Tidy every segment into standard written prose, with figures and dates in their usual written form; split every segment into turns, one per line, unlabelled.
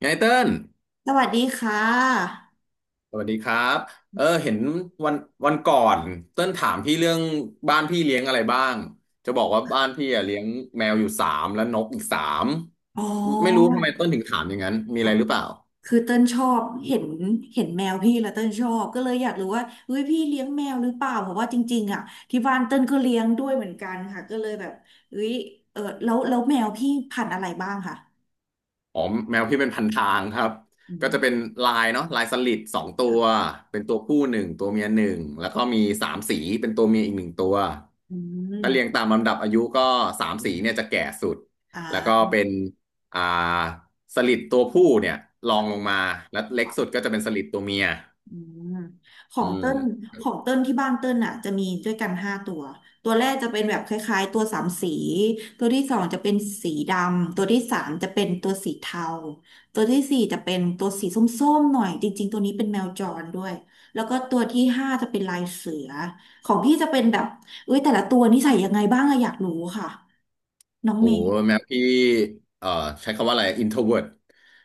ไงเติ้ล
สวัสดีค่ะ
สวัสดีครับเออเห็นวันวันก่อนเติ้ลถามพี่เรื่องบ้านพี่เลี้ยงอะไรบ้าง จะบอกว่าบ้านพี่อะเลี้ยงแมวอยู่สามและนกอีกสาม
อ๋
ไม่รู้
อ
ทำไมเติ้ลถึงถามอย่างนั้น มีอะไร
ค่ะ
หรือเปล่า
คือเต้นชอบเห็นเห็นแมวพี่แล้วเต้นชอบก็เลยอยากรู้ว่าเฮ้ยพี่เลี้ยงแมวหรือเปล่าเพราะว่าจริงๆอ่ะที่บ้านเต้นก็เลี้ยงด้วยเหมือนกันค่ะก็เลยแบบเฮ้ยเออแล้วแมวพี่พันธุ์อะไรบ้างค่ะ
อ๋อแมวพี่เป็นพันทางครับ
อื
ก็จะเป็
ม
นลายเนาะลายสลิดสองตั
ค่ะ
วเป็นตัวผู้หนึ่งตัวเมียหนึ่งแล้วก็มีสามสีเป็นตัวเมียอีกหนึ่งตัว
อื
ถ้าเรียง
ม
ตามลำดับอายุก็สามสีเนี่ยจะแก่สุด
อ่
แล้วก็
า
เป็นอ่าสลิดตัวผู้เนี่ยรองลงมาแล้วเล็กสุดก็จะเป็นสลิดตัวเมีย
อืมขอ
อื
งเติ้
ม
นของเติ้นที่บ้านเติ้นอ่ะจะมีด้วยกันห้าตัวตัวแรกจะเป็นแบบคล้ายๆตัวสามสีตัวที่สองจะเป็นสีดำตัวที่สามจะเป็นตัวสีเทาตัวที่สี่จะเป็นตัวสีส้มๆหน่อยจริงๆตัวนี้เป็นแมวจรด้วยแล้วก็ตัวที่ห้าจะเป็นลายเสือของพี่จะเป็นแบบเอ้ยแต่ละตัวนิสัยยังไงบ้างอะอยากรู้ค่ะน้อง
โอ้
เมย์
แมวพี่เอ่อใช้คำว่าอะไร introvert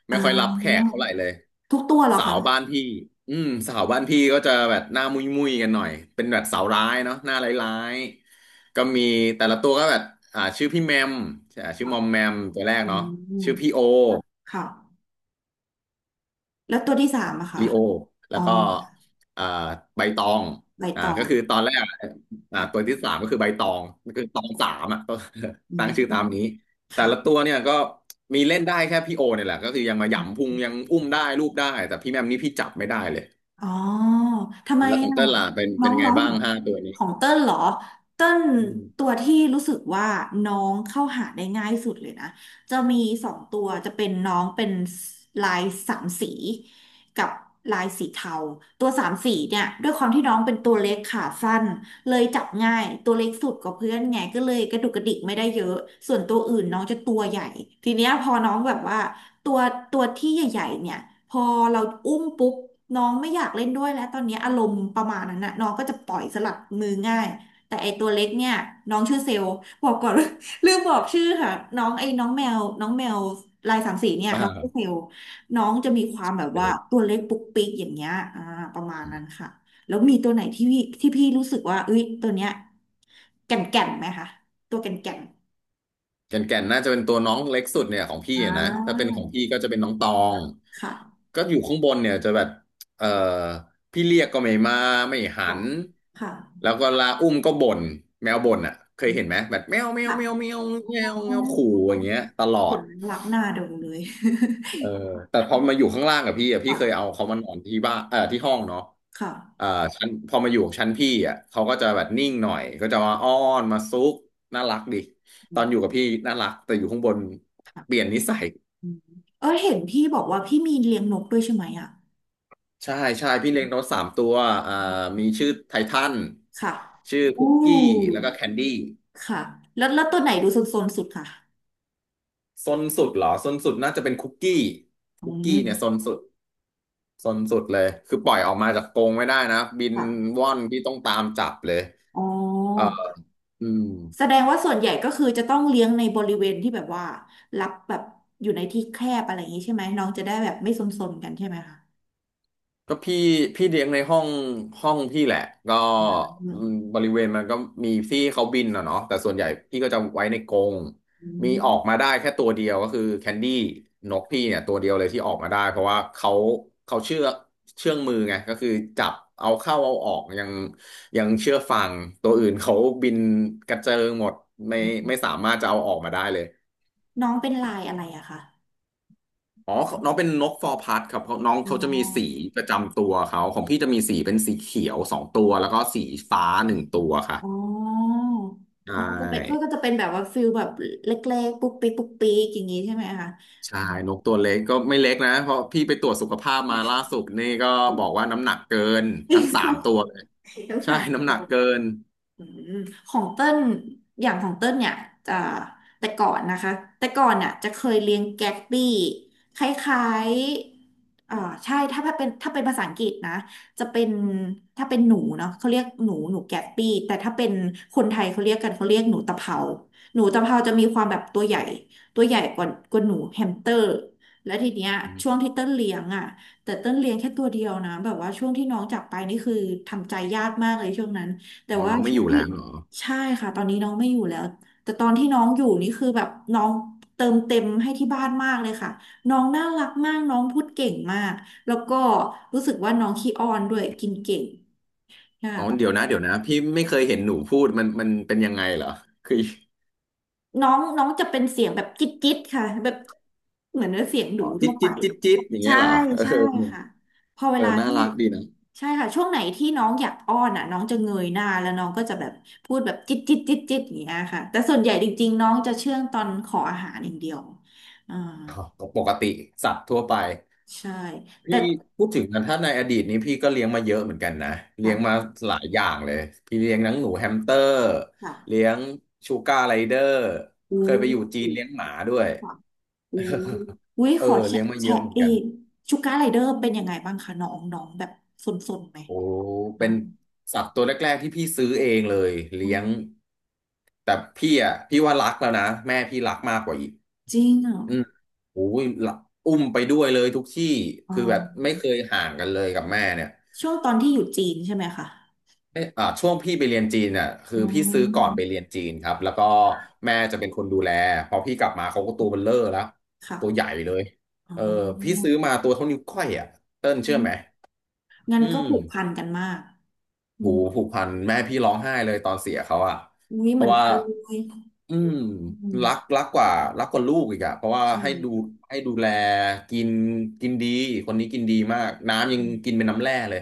ไม่ค่อยรับ
อ่า
แขกเท่าไหร่เลย
ทุกตัวเหรอ
สา
คะ
วบ้านพี่อืมสาวบ้านพี่ก็จะแบบหน้ามุยมุยกันหน่อยเป็นแบบสาวร้ายเนาะหน้าร้ายๆก็มีแต่ละตัวก็แบบชื่อพี่แมมชื่อ
ค่ะ
มอมแมมตัวแรก
อื
เนาะ
ม
ชื่อพี่โอ
ค่ะแล้วตัวที่สามอะคะ
ลิโอแล้
อ๋อ
วก็เอ่าใบตอง
ใบตอง
ก็คือตอนแรกตัว
ค่ะ
ที่สามก็คือใบตองก็คือตองสามอ่ะก็
อื
ตั้งชื่อตาม
ม
นี้แต่ละตัว
ค่ะ
เนี่ยก็มีเล่นได้แค่พี่โอเนี่ยแหละก็คือยังมาหยำพุงยังอุ้มได้รูปได้แต่พี่แมมนี่พี่จับไม่ได้เลย
อ๋อทำไม
แล้วของ
อ่ะ
เต้นล่ะเป็น
น้
เป็
อ
น
ง
ยังไง
น้อง
บ้างห้าตัว
ข
นี้
องเติ้ลเหรอเติ้ล
อืม
ตัวที่รู้สึกว่าน้องเข้าหาได้ง่ายสุดเลยนะจะมีสองตัวจะเป็นน้องเป็นลายสามสีกับลายสีเทาตัวสามสีเนี่ยด้วยความที่น้องเป็นตัวเล็กขาสั้นเลยจับง่ายตัวเล็กสุดกว่าเพื่อนไงก็เลยกระดุกกระดิกไม่ได้เยอะส่วนตัวอื่นน้องจะตัวใหญ่ทีเนี้ยพอน้องแบบว่า ตัวตัวที่ใหญ่ๆเนี่ยพอเราอุ้มปุ๊บน้องไม่อยากเล่นด้วยแล้วตอนนี้อารมณ์ประมาณนั้นน่ะน้องก็จะปล่อยสลัดมือง่ายแต่ไอตัวเล็กเนี่ยน้องชื่อเซลล์บอกก่อน ลืมบอกชื่อค่ะน้องไอ้น้องแมวลายสามสีเนี่ย น้องชื่อเซ
อ่า
ลล์น้องจะมีความแบบ
เป็
ว่าตัวเล็กปุ๊กปิ๊กอย่างเงี้ยอ่าประมาณนั้
น
นค่ะแล้วมีตัวไหนที่พี่รู้สึกว่าเอ้ยตัวเนี้ยแก่นแก่นไหมคะตัวแก่นแก่น
แก่นแก่นน่าจะเป็นตัวน้องเล็กสุดเนี่ยของพี่
อ่
อะนะถ้าเป็น
า
ของพี่ก็จะเป็นน้องตอง
ค่ะ
ก็อยู่ข้างบนเนี่ยจะแบบเออพี่เรียกก็ไม่มาไม่หัน
ค่ะ
แล้
ค
วก็ลาอุ้มก็บ่นแมวบ่นอ่ะเคยเห็นไหมแบบแมวแมวแมว
่ะ
แมวแม
อ
ว
๋
แม
อ
วขู่อย่างเงี้ยตลอ
เห็
ด
นแล้วรักหน้าดูเลย
เออแต่พอมาอยู่ข้างล่างกับพี่อ่ะพี่เคยเอา
ค่ะ
เขามานอนที่บ้านที่ห้องเนาะ
ค
อ่า
่ะ
ชั้นพอมาอยู่ชั้นพี่อ่ะเขาก็จะแบบนิ่งหน่อยก็จะมาอ้อนมาซุกน่ารักดิ
อื
ตอนอยู่
ม
กับพี่น่ารักแต่อยู่ข้างบนเป
ค่ะ
ลี่ยนนิสัย
อืมเออเห็นพี่บอกว่าพี่มีเลี้ยงนกด้วยใช่ไหมอ่ะ
ใช่ใช่พี่เลี้ยงนกสามตัวอ่ามีชื่อไททัน
ค่ะ
ชื่อ
โอ้
คุกกี้แล้วก็แคนดี้
ค่ะแล้วตัวไหนดูโซนๆสุดค่ะ
ซนสุดเหรอซนสุดน่าจะเป็นคุกกี้
อื
คุกกี้เนี่ยซน
ม
สุดซนสุดเลยคือปล่อยออกมาจากกรงไม่ได้นะบิน
ค่ะ
ว่อนพี่ต้องตามจับเลย
อ๋อ
อืม
แสดงว่าส่วนใหญ่ก็คือจะต้องเลี้ยงในบริเวณที่แบบว่ารับแบบอยู่ในที่แคบอะไรอย่างนี้ใช่ไหมน้องจะได้แบบไม่ซนๆกันใช่ไหมคะ
ก็พี่เลี้ยงในห้องห้องพี่แหละก็
อื
อืม
ม
บริเวณมันก็มีที่เขาบินอ่ะเนาะแต่ส่วนใหญ่พี่ก็จะไว้ในกรง
อื
มีออกมาได้แค่ตัวเดียวก็คือแคนดี้นกพี่เนี่ยตัวเดียวเลยที่ออกมาได้เพราะว่าเขาเชื่องมือไงก็คือจับเอาเข้าเอาออกยังเชื่อฟังตัวอื่นเขาบินกระเจิงหมดไม่ไม่
ม
สามารถจะเอาออกมาได้เลย
น้องเป็นลายอะไรอะคะ
อ๋อน้องเป็นนกฟอร์พัดครับเพราะน้อง
อ๋
เขาจะมีสี
อ
ประจำตัวเขาของพี่จะมีสีเป็นสีเขียวสองตัวแล้วก็สีฟ้าหนึ่งตัวค่ะ
อ๋อ
ใช
น้องก็เป็นก็
่
ก็จะเป็นแบบว่าฟิลแบบเล็กๆปุ๊กปี๊กปุ๊กปี๊กอย่างนี้ใช่ไหมคะ
ใช่
อืม
นกตัวเล็กก็ไม่เล็กนะเพราะพี่ไปตรวจสุขภาพมาล่าสุดนี่ก็บอกว่าน้ำหนักเกิน ทั้งสามตัวเลย
ทั้ง
ใช่
สาม
น้ำห
ตั
นั
ว
กเกิน
อืมของเต้นอย่างของเต้นเนี่ยจะแต่ก่อนนะคะแต่ก่อนเนี่ยจะเคยเลี้ยงแก๊กบี้คล้ายๆใช่ถ้าเป็นภาษาอังกฤษนะจะเป็นถ้าเป็นหนูเนาะเขาเรียกหนูหนูแก๊กบี้แต่ถ้าเป็นคนไทยเขาเรียกกันเขาเรียกหนูตะเภาหนูตะเภาจะมีความแบบตัวใหญ่ตัวใหญ่กว่าหนูแฮมสเตอร์แล้วทีเนี้ย
อ
ช่วง
ม
ที่เต้นเลี้ยงอ่ะแต่เต้นเลี้ยงแค่ตัวเดียวนะแบบว่าช่วงที่น้องจากไปนี่คือทำใจยากมากเลยช่วงนั้น แต่
อ๋อ
ว่า
น้องไม่
ช่
อ
ว
ยู่
ง
แล้วเหรอ
ใช่ค่ะ ตอนนี้น้องไม่อยู่แล้ว แต่ตอนที่น้องอยู่นี่คือแบบน้องเติมเต็มให้ที่บ้านมากเลยค่ะ น้องน่ารักมาก น้องพูดเก่งมาก แล้วก็รู้สึกว่าน้องขี้อ้อนด้วยกินเก่งค่
อ๋อเดี๋ยว
ะ
นะเดี๋ยวนะพี่ไม่เคยเห็นหนูพูดมันเป็นยังไงเหรอคือ
น้องน้องจะเป็นเสียงแบบจิ๊ดจิ๊ดค่ะแบบเหมือนเสียงหนู
อ๋อ
ทั่
จิ๊ด
วไป
จิ๊ดจิ๊ดจิ๊ดอย่างเงี้
ใช่
ยเหรอเอ
ใช่
อ
ค่ะพอเว
เอ
ลา
อน่า
ที่
รักดีนะ
ใช่ค่ะช่วงไหนที่น้องอยากอ้อนอ่ะน้องจะเงยหน้าแล้วน้องก็จะแบบพูดแบบจิ๊ดจิ๊ดจิ๊ดจิ๊ดอย่างเงี้ยค่ะแต่ส่วนใหญ่จริงๆน้องจะเชื่องตอนขออาหารอย่างเดียวอ่า
อ๋อก็ปกติสัตว์ทั่วไป
ใช่แต่
พี่พูดถึงนะถ้าในอดีตนี้พี่ก็เลี้ยงมาเยอะเหมือนกันนะเลี้ยงมา
ค่ะ
หลายอย่างเลยพี่เลี้ยงทั้งหนูแฮมสเตอร์
ค่ะ
เลี้ยงชูการ์ไรเดอร์
อู้
เคยไปอยู่จีนเลี้ยงหมาด้วย
ค่ะอู้อุ้ย
เอ
ขอ
อ
แชะ
เลี้ยงมาเย
แชะ
อะเหมือน
เอ
กัน
งชูการ์ไรเดอร์เป็นยังไงบ้างคะน้องน้องแบบสนๆไหม
โอ้
น้
เป็
อ
นสัตว์ตัวแรกๆที่พี่ซื้อเองเลยเลี้ยง
ง
แต่พี่อ่ะพี่ว่ารักแล้วนะแม่พี่รักมากกว่าอีก
จริงเหรอ
อืมโอ้ยละอุ้มไปด้วยเลยทุกที่
อ๋อ
คือแบบไม่เคยห่างกันเลยกับแม่เนี่ย
ช่วงตอนที่อยู่จีนใช่ไหมคะ
เอยช่วงพี่ไปเรียนจีนน่ะคือ
อ๋
พี่ซื้อก่อน
อ
ไปเรียนจีนครับแล้วก็แม่จะเป็นคนดูแลพอพี่กลับมาเขาก็ตัวเบลเลอร์แล้วตัวใหญ่
ค่ะ
เลย
อ๋
เออพี่
อ
ซื้อมาตัวเท่านิ้วก้อยอ่ะเติ้ลเชื่อไหม
งั้น
อื
ก็
ม
ผูกพันกันมากอื
หู
ม
ผูกพันแม่พี่ร้องไห้เลยตอนเสียเขาอ่ะ
อุ้ย
เพ
เหมือ
ราะ
น
ว่า
กันเลย
อืม
อืม
รักกว่ารักกว่าลูกอีกอ่ะเพราะว่า
ใช่
ให้ดู
ค่ะ
ให้ดูแลกินกินดีคนนี้กินดีมากน้ำยัง
อื
กิน
ม
เป็นน้ำแร่เลย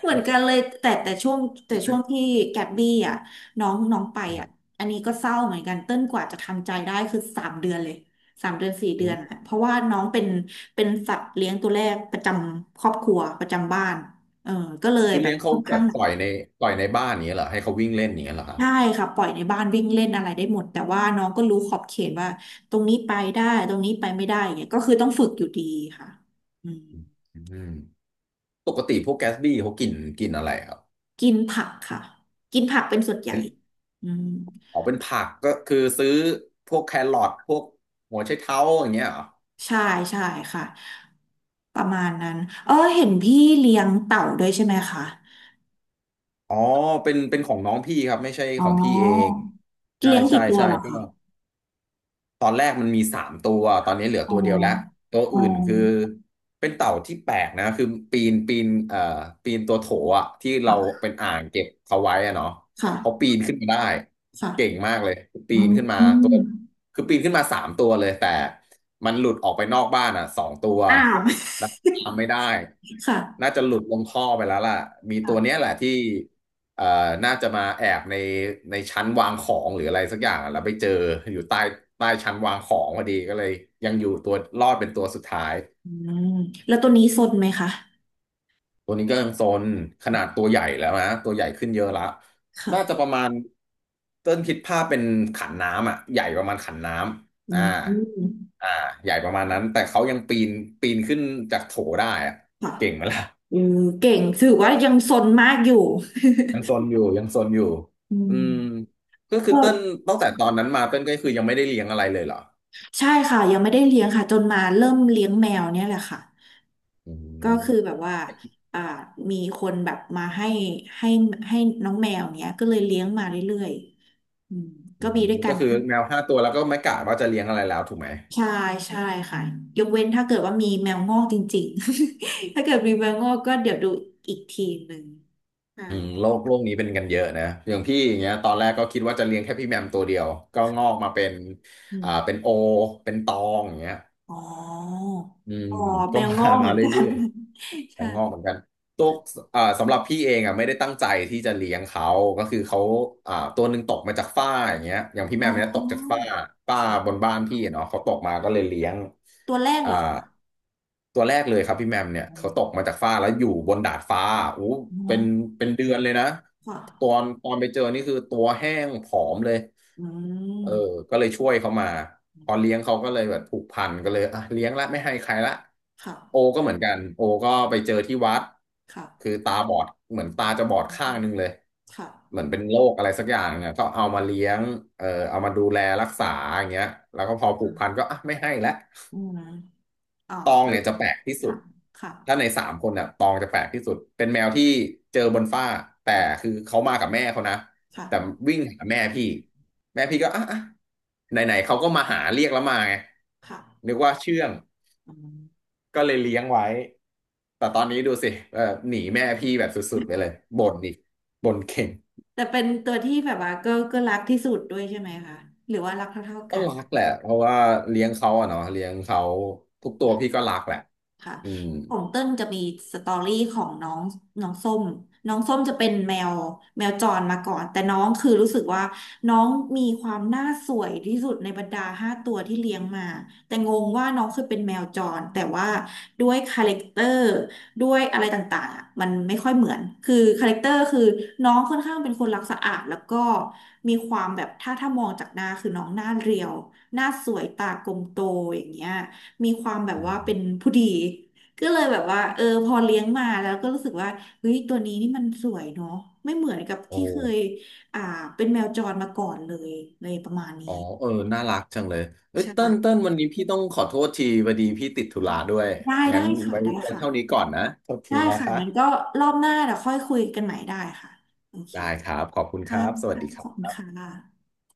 เหมือ
อื
น
ม
กันเลยแต่ช่วงแต่ช่วง ที่แกบบี้อ่ะน้องน้องไป
ค
อ่ะ
รั
อันนี้ก็เศร้าเหมือนกันเต้นกว่าจะทำใจได้คือสามเดือนเลยสามเดือน4 เดือนอะ
บ
เพราะว่าน้องเป็นเป็นสัตว์เลี้ยงตัวแรกประจำครอบครัวประจำบ้านเออก็เลย
คือ
แบ
เลี้
บ
ยงเขา
ค่อน
แบ
ข้าง
บ
หนัก
ปล่อยในบ้านนี้ยเหรอให้เขาวิ่งเล่นนี้ยเหรอครับ
ใช่ค่ะปล่อยในบ้านวิ่งเล่นอะไรได้หมดแต่ว่าน้องก็รู้ขอบเขตว่าตรงนี้ไปได้ตรงนี้ไปไม่ได้เนี่ยก็คือต้องฝึกอยู่ดีค่ะอืม
อืมปกติพวกแกสบี้เขากินกินอะไรครับ
กินผักค่ะกินผักเป็นส่วนใหญ่
เป็น
อืม
อ๋อเป็นผักก็คือซื้อพวกแครอทพวกหัวไชเท้าอย่างเงี้ยเหรอ
ใช่ใช่ค่ะประมาณนั้นเออเห็นพี่เลี้ยงเต่าด้วยใช่ไหมคะ
อ๋อเป็นของน้องพี่ครับไม่ใช่
อ๋
ของพี่เอ
อ
งใช่
เลี้ยง
ใช่
กี่ตัว
ใช่
เหรอ
ก็
คะ
ตอนแรกมันมี3 ตัวตอนนี้เหลือ
อ๋อ
ตัวเดียวแล้วตัว
อ๋อ
อื่นคือเป็นเต่าที่แปลกนะคือปีนปีนตัวโถอ่ะที่เรา
ค่ะ
เป็นอ่างเก็บเขาไว้อะเนาะเขาปี
ค่ะ
นขึ้นมาได้เก่ง
ค่ะ
มากเลยปี
อื
น
ม
ขึ้นมา
อ
ตัว
ม
คือปีนขึ้นมาสามตัวเลยแต่มันหลุดออกไปนอกบ้านอ่ะ2 ตัว
อ้าว
แล้วตามไม่ได้
ค่ะ
น่าจะหลุดลงท่อไปแล้วล่ะมีตัวเนี้ย
ค่ะ
แหละที่ เอ่อน่าจะมาแอบในชั้นวางของหรืออะไรสักอย่างอะแล้วไปเจออยู่ใต้ชั้นวางของพอดีก็เลยยังอยู่ตัวรอดเป็นตัวสุดท้าย
อืมแล้วตัวนี้สนไหมคะ
ตัวนี้ก็ยังโซนขนาดตัวใหญ่แล้วนะตัวใหญ่ขึ้นเยอะละน่าจะประ
ค่ะ
มาณเต้นคิดภาพเป็นขันน้ำอ่ะใหญ่ประมาณขันน้
อื
ำอ่า
ม
อ่าใหญ่ประมาณนั้นแต่เขายังปีนขึ้นจากโถได้อ่ะ
ค่ะ
เก่งไหมล่ะ
เออเก่งถือว่ายังสนมากอยู่
ยังซนอยู่ยังซนอยู่
อื
อื
ม
มก็ คือ
ก็
เต้นตั้งแต่ตอนนั้นมาเต้นก็คือยังไม่ได้เลี้ยงอะไรเลยเหรอ
ใช่ค่ะ ยังไม่ได้เลี้ยงค่ะ จนมาเริ่มเลี้ยงแมวเนี่ยแหละค่ะ
อื
ก็คือแบ
ม
บว่าอ่ามีคนแบบมาให้ให้น้องแมวเนี้ยก็เลยเลี้ยงมาเรื่อยๆอืม
อื
ก็มี
ม
ด้วยกั
ก็
น
คือ
นะ
แมว5 ตัวแล้วก็ไม่กะว่าจะเลี้ยงอะไรแล้วถูกไหม
ใช่ใช่ค่ะยกเว้นถ้าเกิดว่ามีแมวงอกจริงๆ ถ้าเกิดมีแมวงอกก็เดี๋ยวดูอีกทีหนึ่งใช่
อืมโลกนี้เป็นกันเยอะนะอย่างพี่อย่างเงี้ยตอนแรกก็คิดว่าจะเลี้ยงแค่พี่แมมตัวเดียวก็งอกมาเป็นอ่าเป็นโอเป็นตองอย่างเงี้ย
อ๋อ
อืม
อ๋อแม
ก็
ว
มา
งอกเห
มา
มือนกั
เรื่
น
อย ๆแล้ว
ใช่
งอกเหมือนกันตัวอ่าสำหรับพี่เองอ่ะไม่ได้ตั้งใจที่จะเลี้ยงเขาก็คือเขาอ่าตัวหนึ่งตกมาจากฝ้าอย่างเงี้ยอย่างพี่แม
อ๋
มเนี่ยตกจากฝ้า
อ
ฝ้าบ
ค่ะ
นบ้านพี่อะเนาะเขาตกมาก็เลยเลี้ยง
ตัวแรก
อ่า
เหรอคะ
ตัวแรกเลยครับพี่แมมเนี่ย
อ
เขาตก
๋
มาจากฟ้าแล้วอยู่บนดาดฟ้าโอ้เป็น
อ
เป็นเดือนเลยนะ
ค่ะ
ตอนไปเจอนี่คือตัวแห้งผอมเลย
อื
เออ
ม
ก็เลยช่วยเขามาพอเลี้ยงเขาก็เลยแบบผูกพันก็เลยอ่ะเลี้ยงละไม่ให้ใครละ
ค่ะ
โอก็เหมือนกันโอก็ไปเจอที่วัดคือ
ค่ะ
ตาบอดเหมือนตา
อื
จะบอดข้าง
ม
หนึงเลย
ค่ะ
เหมือนเป็นโรคอะไรสักอย่างเนี่ยก็เอามาเลี้ยงเออเอามาดูแลรักษาอย่างเงี้ยแล้วก็พอผูกพันก็อ่ะไม่ให้ละ
อืมอ๋อ
ตองเนี่ยจะแปลกที่สุด
ค่ะค่ะ
ถ้าใน3 คนเนี่ยตองจะแปลกที่สุด เป็นแมวที่เจอบนฟ้า แต่คือเขามากับแม่เขานะแต่
ค่ะ
วิ่งหาแม่พี่ แม่พี่ก็อ่ะไหนๆเขาก็มาหาเรียกแล้วมาไง
ค่ะ
นึกว่าเชื่อง
อืม
ก็เลยเลี้ยงไว้แต่ตอนนี้ดูสิเออหนีแม่พี่แบบสุดๆไปเลยบ่นอีกบ่นเก่ง
แต่เป็นตัวที่แบบว่าก็รักที่สุดด้วยใช่ไหมคะหรือว่ารักเท่าๆ
ก็
กัน
รักแหละเพราะว่าเลี้ยงเขาอะเนาะเลี้ยงเขาทุกตัวพี่ก็รักแหละ
ค่ะ
อืม
ของเติ้ลจะมีสตอรี่ของน้องน้องส้มน้องส้มจะเป็นแมวแมวจรมาก่อน แต่น้องคือรู้สึกว่าน้องมีความน่าสวยที่สุดในบรรดาห้าตัวที่เลี้ยงมา แต่งงว่าน้องเคยเป็นแมวจรแต่ว่าด้วยคาแรคเตอร์ด้วยอะไรต่างๆอะมันไม่ค่อยเหมือนคือคาแรคเตอร์คือน้องค่อนข้างเป็นคนรักสะอาดแล้วก็มีความแบบถ้ามองจากหน้าคือน้องหน้าเรียวหน้าสวยตากลมโตอย่างเงี้ย มีความแบบ
อื
ว่า
ม
เป็นผู้ดีก็เลยแบบว่าเออพอเลี้ยงมาแล้วก็รู้สึกว่าเฮ้ยตัวนี้นี่มันสวยเนาะไม่เหมือนกับ
โอ้
ที่เคยอ่าเป็นแมวจรมาก่อนเลยเลยประมาณนี้
อ๋อเออน่ารักจังเลยเอ้ย
ใช่ปะ
เติ้ลวันนี้พี่ต้องขอโทษทีพอดีพี่ติดธุระด้วย
ได้
งั้น
ได้ค่ะได้
ไว้
ค่ะ
เท่านี้ก่อนนะโทษที
ได้
นะ
ค่ะ
คะ
งั้นก็รอบหน้าเดี๋ยวค่อยคุยกันใหม่ได้ค่ะโอเค
ได้ครับขอบคุณค
ค่ะ
รับสวัส
ค่ะ
ดีคร
ขอบคุณ
ั
ค่ะ
บ